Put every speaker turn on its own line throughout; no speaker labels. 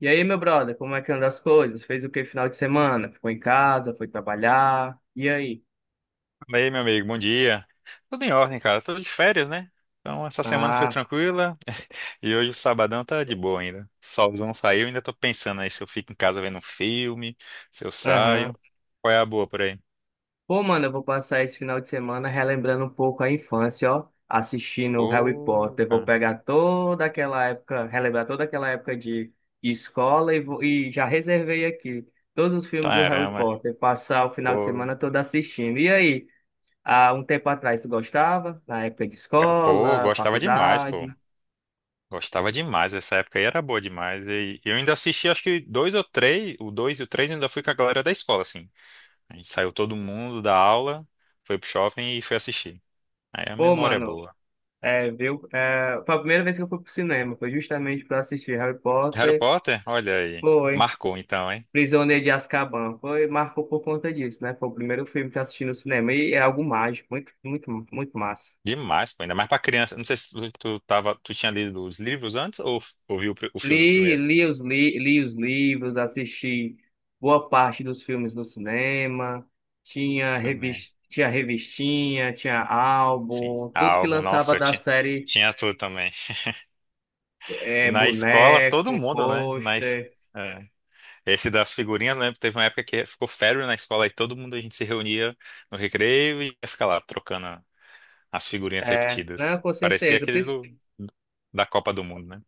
E aí, meu brother, como é que anda as coisas? Fez o que final de semana? Ficou em casa, foi trabalhar? E aí?
E aí, meu amigo, bom dia. Tudo em ordem, cara. Tudo de férias, né? Então, essa semana foi
Ah,
tranquila e hoje o sabadão tá de boa ainda. Solzão saiu, ainda tô pensando aí se eu fico em casa vendo um filme, se eu
aham.
saio. Qual é a boa por aí?
Pô, mano, eu vou passar esse final de semana relembrando um pouco a infância, ó, assistindo Harry
Pô,
Potter. Vou
cara.
pegar toda aquela época, relembrar toda aquela época de escola e, e já reservei aqui todos os filmes do Harry
Caramba.
Potter, passar o final de
Pô,
semana todo assistindo. E aí? Há um tempo atrás tu gostava? Na época de
cara. Pô,
escola,
gostava demais, pô.
faculdade?
Gostava demais. Essa época aí era boa demais. E eu ainda assisti, acho que dois ou três, o dois e o três, eu ainda fui com a galera da escola, assim. A gente saiu todo mundo da aula, foi pro shopping e foi assistir. Aí a
Pô,
memória é
mano.
boa.
É, viu? É, foi a primeira vez que eu fui pro cinema, foi justamente para assistir Harry
Harry
Potter,
Potter? Olha aí.
foi
Marcou então, hein?
Prisioneiro de Azkaban, foi, marcou por conta disso, né? Foi o primeiro filme que eu assisti no cinema e é algo mágico, muito, muito, muito massa.
Demais, pô. Ainda mais pra criança. Não sei se tu tinha lido os livros antes ou, ou viu o
Li,
filme primeiro?
li os, li, li os livros, assisti boa parte dos filmes no cinema, tinha
Também.
revista, tinha revistinha, tinha
Sim.
álbum,
Ah,
tudo que
álbum,
lançava
nossa, eu
da
tinha,
série,
tinha tudo também. E
é,
na escola, todo
boneco,
mundo, né?
pôster,
É. Esse das figurinhas, né? Teve uma época que ficou férias na escola e todo mundo a gente se reunia no recreio e ia ficar lá trocando as figurinhas
é, não,
repetidas.
com
Parecia
certeza.
aqueles da Copa do Mundo, né?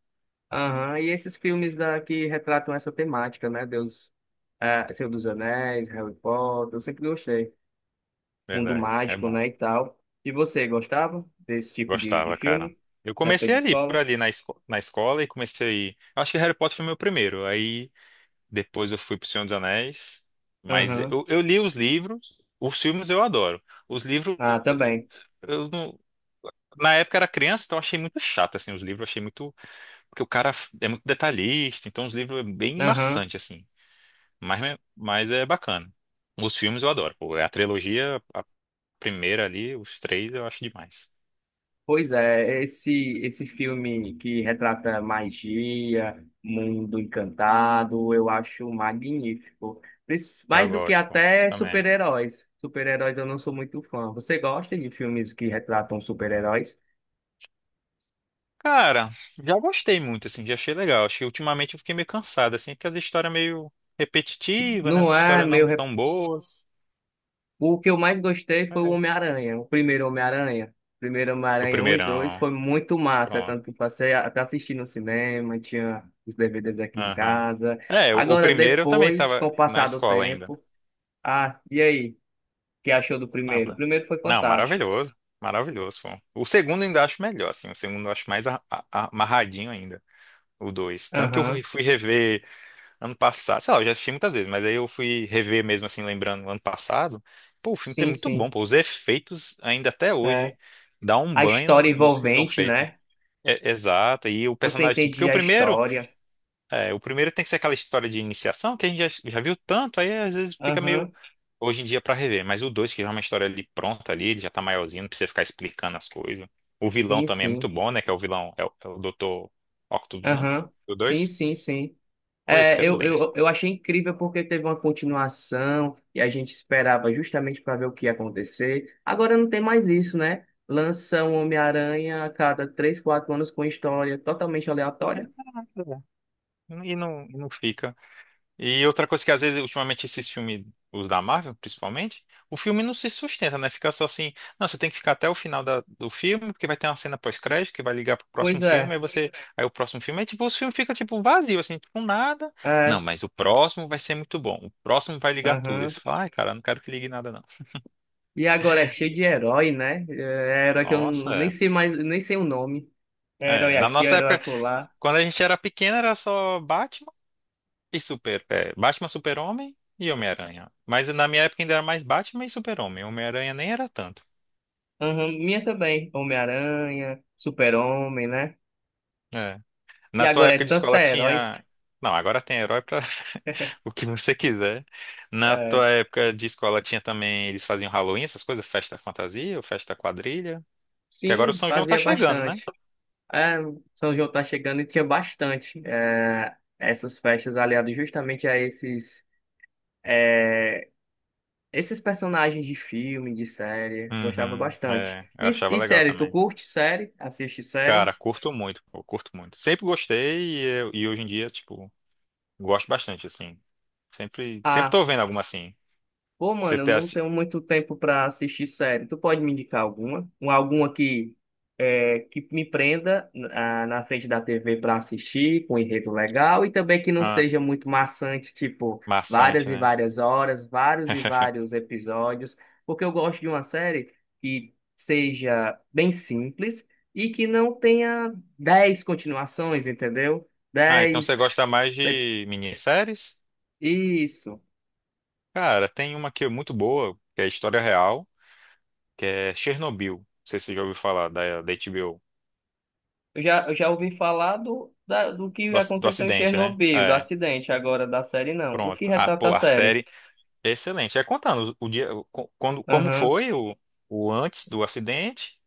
Aham. E esses filmes que retratam essa temática, né? Deus, é, Senhor dos Anéis, Harry Potter, eu sempre gostei. Mundo
Verdade. É
mágico,
bom.
né, e tal. E você, gostava desse tipo de
Gostava, cara.
filme?
Eu
Na época
comecei
de
ali, por
escola?
ali na escola e comecei. Acho que Harry Potter foi meu primeiro. Aí depois eu fui pro Senhor dos Anéis. Mas
Aham.
eu li os livros, os filmes eu adoro. Os livros,
Ah, também.
eu não. Na época eu era criança, então eu achei muito chato, assim, os livros. Eu achei muito. Porque o cara é muito detalhista, então os livros é bem
Aham.
maçante, assim. Mas, mas é bacana. Os filmes eu adoro. Pô, a trilogia, a primeira ali, os três eu acho demais.
Pois é, esse filme que retrata magia, mundo encantado, eu acho magnífico.
Eu
Mais do que
gosto, pô,
até
também.
super-heróis. Super-heróis eu não sou muito fã. Você gosta de filmes que retratam super-heróis?
Cara, já gostei muito, assim, já achei legal. Acho que ultimamente eu fiquei meio cansado, assim, porque as histórias meio repetitivas, né? As
Não é
histórias
meu.
não tão boas.
O que eu mais gostei foi o
É.
Homem-Aranha, o primeiro Homem-Aranha. O Primeiro
O
Homem-Aranha um e 2
primeirão,
foi muito massa,
pronto.
tanto que até assistir no cinema, tinha os DVDs aqui em
Aham.
casa.
É, o
Agora,
primeiro eu também
depois, com
tava
o
na
passar do
escola ainda.
tempo. Ah, e aí? O que achou do
Não,
primeiro? O
pô.
primeiro foi
Não,
fantástico.
maravilhoso. Maravilhoso, pô. O segundo eu ainda acho melhor, assim. O segundo eu acho mais amarradinho ainda. O dois. Tanto que eu fui
Aham.
fui rever ano passado, sei lá, eu já assisti muitas vezes, mas aí eu fui rever mesmo, assim, lembrando, ano passado. Pô, o filme tá
Sim,
muito bom,
sim.
pô. Os efeitos, ainda até
É.
hoje, dá um
A
banho
história
nos que são
envolvente,
feitos.
né?
É, exato, e o
Você
personagem, tipo, porque o
entendia a
primeiro,
história.
é, o primeiro tem que ser aquela história de iniciação que a gente já viu tanto, aí às vezes fica meio,
Aham.
hoje em dia, pra rever. Mas o dois, que já é uma história ali pronta ali, ele já tá maiorzinho, não precisa ficar explicando as coisas. O vilão
Sim,
também é
sim.
muito bom, né, que é o vilão, é o Dr. Octopus, né?
Aham.
O
Sim,
dois,
sim, sim.
pô,
É, eu,
excelente.
eu, eu achei incrível porque teve uma continuação e a gente esperava justamente para ver o que ia acontecer. Agora não tem mais isso, né? Lança um Homem-Aranha a cada três, quatro anos com história totalmente aleatória.
E não fica. E outra coisa que às vezes, ultimamente, esses filmes, os da Marvel, principalmente, o filme não se sustenta, né? Fica só assim. Não, você tem que ficar até o final do filme, porque vai ter uma cena pós-crédito que vai ligar pro
Pois
próximo filme,
é,
aí você. Aí o próximo filme é tipo, os filmes ficam tipo vazio, assim, tipo nada. Não,
é,
mas o próximo vai ser muito bom. O próximo vai ligar tudo. Aí
aham.
você fala, ai, cara, eu não quero que ligue nada, não.
E agora é cheio de herói, né? É herói que eu nem
Nossa,
sei mais, nem sei o nome. É
é.
herói
É, na
aqui, é
nossa
herói
época,
acolá.
quando a gente era pequeno, era só Batman. E Batman, Super-Homem e Homem-Aranha. Mas na minha época ainda era mais Batman e Super-Homem. Homem-Aranha nem era tanto.
Aham, minha também. Homem-Aranha, Super-Homem, né?
É.
E
Na tua
agora é
época de
tanta
escola
herói.
tinha. Não, agora tem herói pra o que você quiser. Na
É,
tua época de escola tinha também. Eles faziam Halloween, essas coisas, festa fantasia, ou festa quadrilha. Que agora o
sim,
São João tá
fazia
chegando, né?
bastante. É, São João tá chegando e tinha bastante. É, essas festas aliadas justamente a esses, é, esses personagens de filme, de série. Gostava
Uhum.
bastante.
É, eu achava
E
legal
série, tu
também.
curte série? Assiste série?
Cara, curto muito, pô, curto muito. Sempre gostei e hoje em dia, tipo, gosto bastante, assim. Sempre
Ah,
tô vendo alguma assim.
pô,
Você
mano, eu
tem.
não tenho muito tempo pra assistir série. Tu pode me indicar alguma? Alguma que, é, que me prenda na frente da TV pra assistir, com um enredo legal, e também que não
Ah,
seja muito maçante, tipo, várias
maçante,
e
né?
várias horas, vários e vários episódios, porque eu gosto de uma série que seja bem simples e que não tenha dez continuações, entendeu?
Ah, então você
Dez.
gosta mais
É,
de minisséries?
isso.
Cara, tem uma que é muito boa, que é história real, que é Chernobyl. Não sei se você já ouviu falar da, HBO.
Eu já ouvi falar do que
Do
aconteceu em
acidente, né?
Chernobyl, do
É,
acidente agora da série, não. O que
pronto. A,
retrata a
pô, a
série?
série é excelente. É contando o dia, como
Aham.
foi o antes do acidente,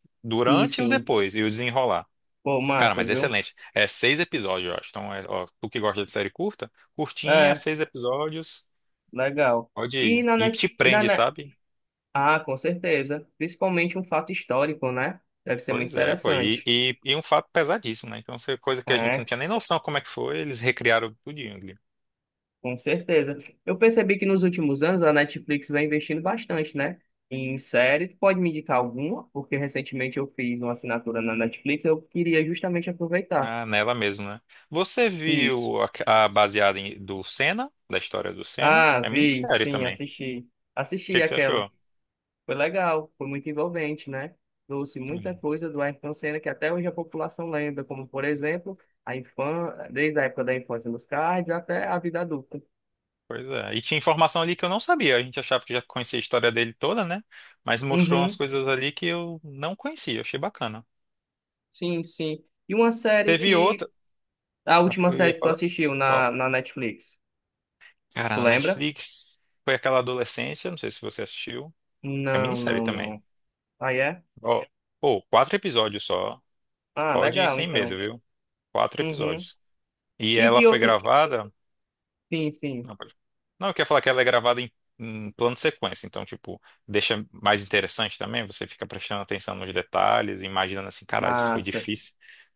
Sim,
durante e o
sim.
depois, e o desenrolar.
Pô,
Cara,
massa,
mas é
viu?
excelente. É seis episódios, eu acho. Então, ó, tu que gosta de série curta, curtinha,
É,
seis episódios,
legal.
pode
E
ir.
na,
E
net,
te
e na
prende,
net...
sabe?
Ah, com certeza. Principalmente um fato histórico, né? Deve ser muito
Pois é, pô. E,
interessante.
e, e um fato pesadíssimo, né? Então, essa coisa que a gente não
É,
tinha nem noção como é que foi, eles recriaram tudinho ali.
com certeza. Eu percebi que nos últimos anos a Netflix vem investindo bastante, né? Em série, tu pode me indicar alguma? Porque recentemente eu fiz uma assinatura na Netflix, eu queria justamente aproveitar.
Ah, nela mesmo, né? Você
Isso.
viu a baseada do Senna, da história do Senna?
Ah,
É
vi,
minissérie
sim,
também. O
assisti. Assisti
que, que você
aquela.
achou?
Foi legal, foi muito envolvente, né? Trouxe muita
Hum.
coisa do Ayrton Senna que até hoje a população lembra, como, por exemplo, a infância, desde a época da infância nos cards até a vida adulta.
Pois é. E tinha informação ali que eu não sabia. A gente achava que já conhecia a história dele toda, né? Mas mostrou umas
Uhum,
coisas ali que eu não conhecia. Achei bacana.
sim, sim. E uma série
Teve outra.
que... A
A que
última
eu
série
ia
que tu
falar.
assistiu
Qual?
na Netflix,
Cara,
tu
na
lembra?
Netflix. Foi aquela adolescência. Não sei se você assistiu. É
Não,
minissérie
não,
também.
não. Aí é?
Ó, pô, quatro episódios só.
Ah,
Pode ir
legal,
sem medo,
então.
viu? Quatro
Uhum.
episódios. E
E
ela
de
foi
outro...
gravada.
Sim, sim.
Não, pode. Não, eu queria falar que ela é gravada em plano sequência. Então, tipo, deixa mais interessante também. Você fica prestando atenção nos detalhes, imaginando assim, caralho, isso foi
Massa.
difícil.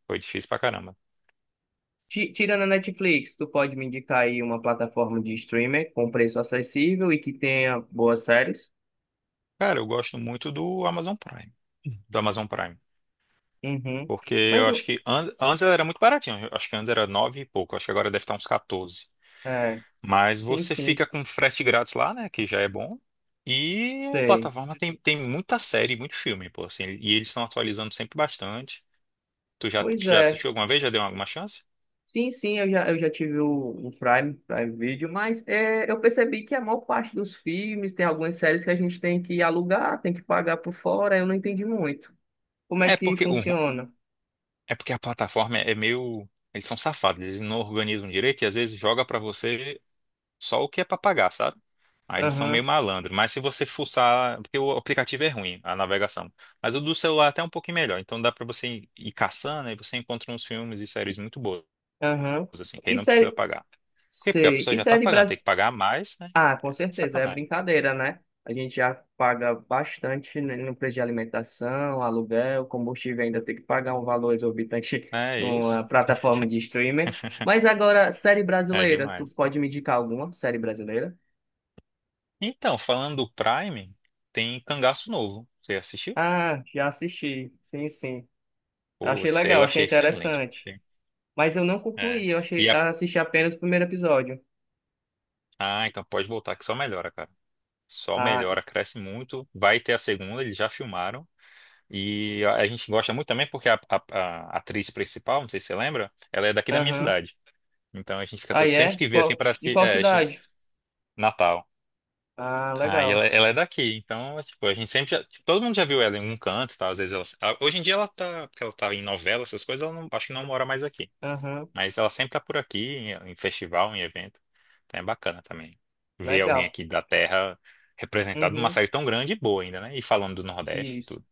Foi difícil pra caramba.
Tirando a Netflix, tu pode me indicar aí uma plataforma de streamer com preço acessível e que tenha boas séries?
Cara, eu gosto muito do Amazon Prime. Do Amazon Prime.
Uhum.
Porque
Mas
eu acho
o.
que antes ela era muito baratinho. Eu acho que antes era nove e pouco. Eu acho que agora deve estar uns 14.
É,
Mas
sim,
você
sim.
fica com frete grátis lá, né? Que já é bom. E a
Sei.
plataforma tem muita série, muito filme, pô, assim, e eles estão atualizando sempre bastante. Tu já, tu
Pois
já
é.
assistiu alguma vez? Já deu alguma chance?
Sim, sim, eu já tive o Prime, Prime Video, mas é, eu percebi que a maior parte dos filmes tem algumas séries que a gente tem que alugar, tem que pagar por fora, eu não entendi muito. Como é
É
que
porque, o, ru-
funciona?
é porque a plataforma é meio. Eles são safados, eles não organizam direito e às vezes joga pra você só o que é pra pagar, sabe? Aí eles são meio
Aham,
malandro. Mas se você fuçar. Porque o aplicativo é ruim, a navegação. Mas o do celular é até um pouquinho melhor. Então dá pra você ir caçando e você encontra uns filmes e séries muito boas,
aham.
assim, quem
E
não precisa
série.
pagar. Por quê? Porque a
Sei.
pessoa
E
já tá
série
pagando, tem
brasileira?
que pagar mais, né?
Ah, com certeza, é
Sacanagem.
brincadeira, né? A gente já paga bastante no preço de alimentação, aluguel, combustível, ainda tem que pagar um valor exorbitante
É
numa
isso.
plataforma de streaming. Mas agora, série
É
brasileira, tu
demais.
pode me indicar alguma série brasileira?
Então, falando do Prime, tem Cangaço Novo. Você assistiu?
Ah, já assisti, sim, sim.
Pô,
Achei
esse
legal,
eu
achei
achei excelente.
interessante. Mas eu não
É.
concluí, eu achei,
E a...
assisti apenas o primeiro episódio.
Ah, então pode voltar que só melhora, cara. Só
Ah,
melhora, cresce muito. Vai ter a segunda, eles já filmaram. E a gente gosta muito também porque a atriz principal, não sei se você lembra, ela é daqui da minha
aham.
cidade. Então a gente fica todo...
Aí
sempre
é?
que vê assim para
De
si,
qual cidade?
Natal.
Ah,
Ah,
legal.
ela é daqui, então, tipo, a gente sempre já, tipo, todo mundo já viu ela em um canto, tá? Às vezes hoje em dia ela tá, porque ela tá em novela, essas coisas, ela não, acho que não mora mais aqui.
Aham,
Mas ela sempre tá por aqui, em festival, em evento. Então é bacana também ver alguém
legal.
aqui da terra representado numa
Uhum,
série tão grande e boa ainda, né? E falando do Nordeste e
isso.
tudo.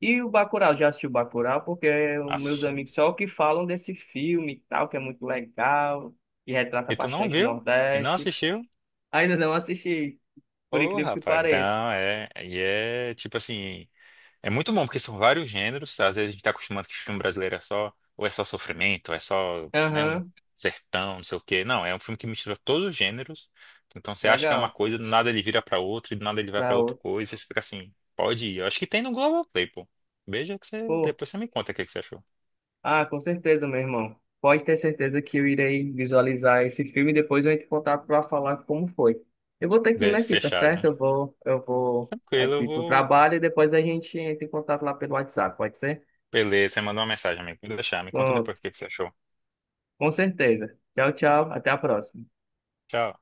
E o Bacurau, já assisti o Bacurau? Porque os meus
Assisti.
amigos só que falam desse filme e tal, que é muito legal, e retrata
E tu não
bastante o
viu? E não
Nordeste.
assistiu?
Ainda não assisti, por
Ô,
incrível que
rapaz,
pareça.
então é tipo assim. É muito bom, porque são vários gêneros. Às vezes a gente tá acostumado que filme brasileiro é só, ou é só sofrimento, ou é só, né, um
Aham,
sertão, não sei o quê. Não, é um filme que mistura todos os gêneros. Então você acha que é uma
legal.
coisa, do nada ele vira pra outra, e do nada ele vai pra
Da
outra
outro.
coisa, e você fica assim, pode ir. Eu acho que tem no Globoplay, pô. Veja
Pô,
depois você me conta o que que você achou.
ah, com certeza, meu irmão. Pode ter certeza que eu irei visualizar esse filme e depois eu entro em contato para falar como foi. Eu vou ter que ir aqui, tá certo?
Fechado.
Eu vou
Tranquilo, eu
aqui pro
vou.
trabalho e depois a gente entra em contato lá pelo WhatsApp, pode ser?
Beleza, você mandou uma mensagem, amigo. Vou deixar, me conta depois
Pronto.
o que que você achou.
Com certeza. Tchau, tchau. Até a próxima.
Tchau.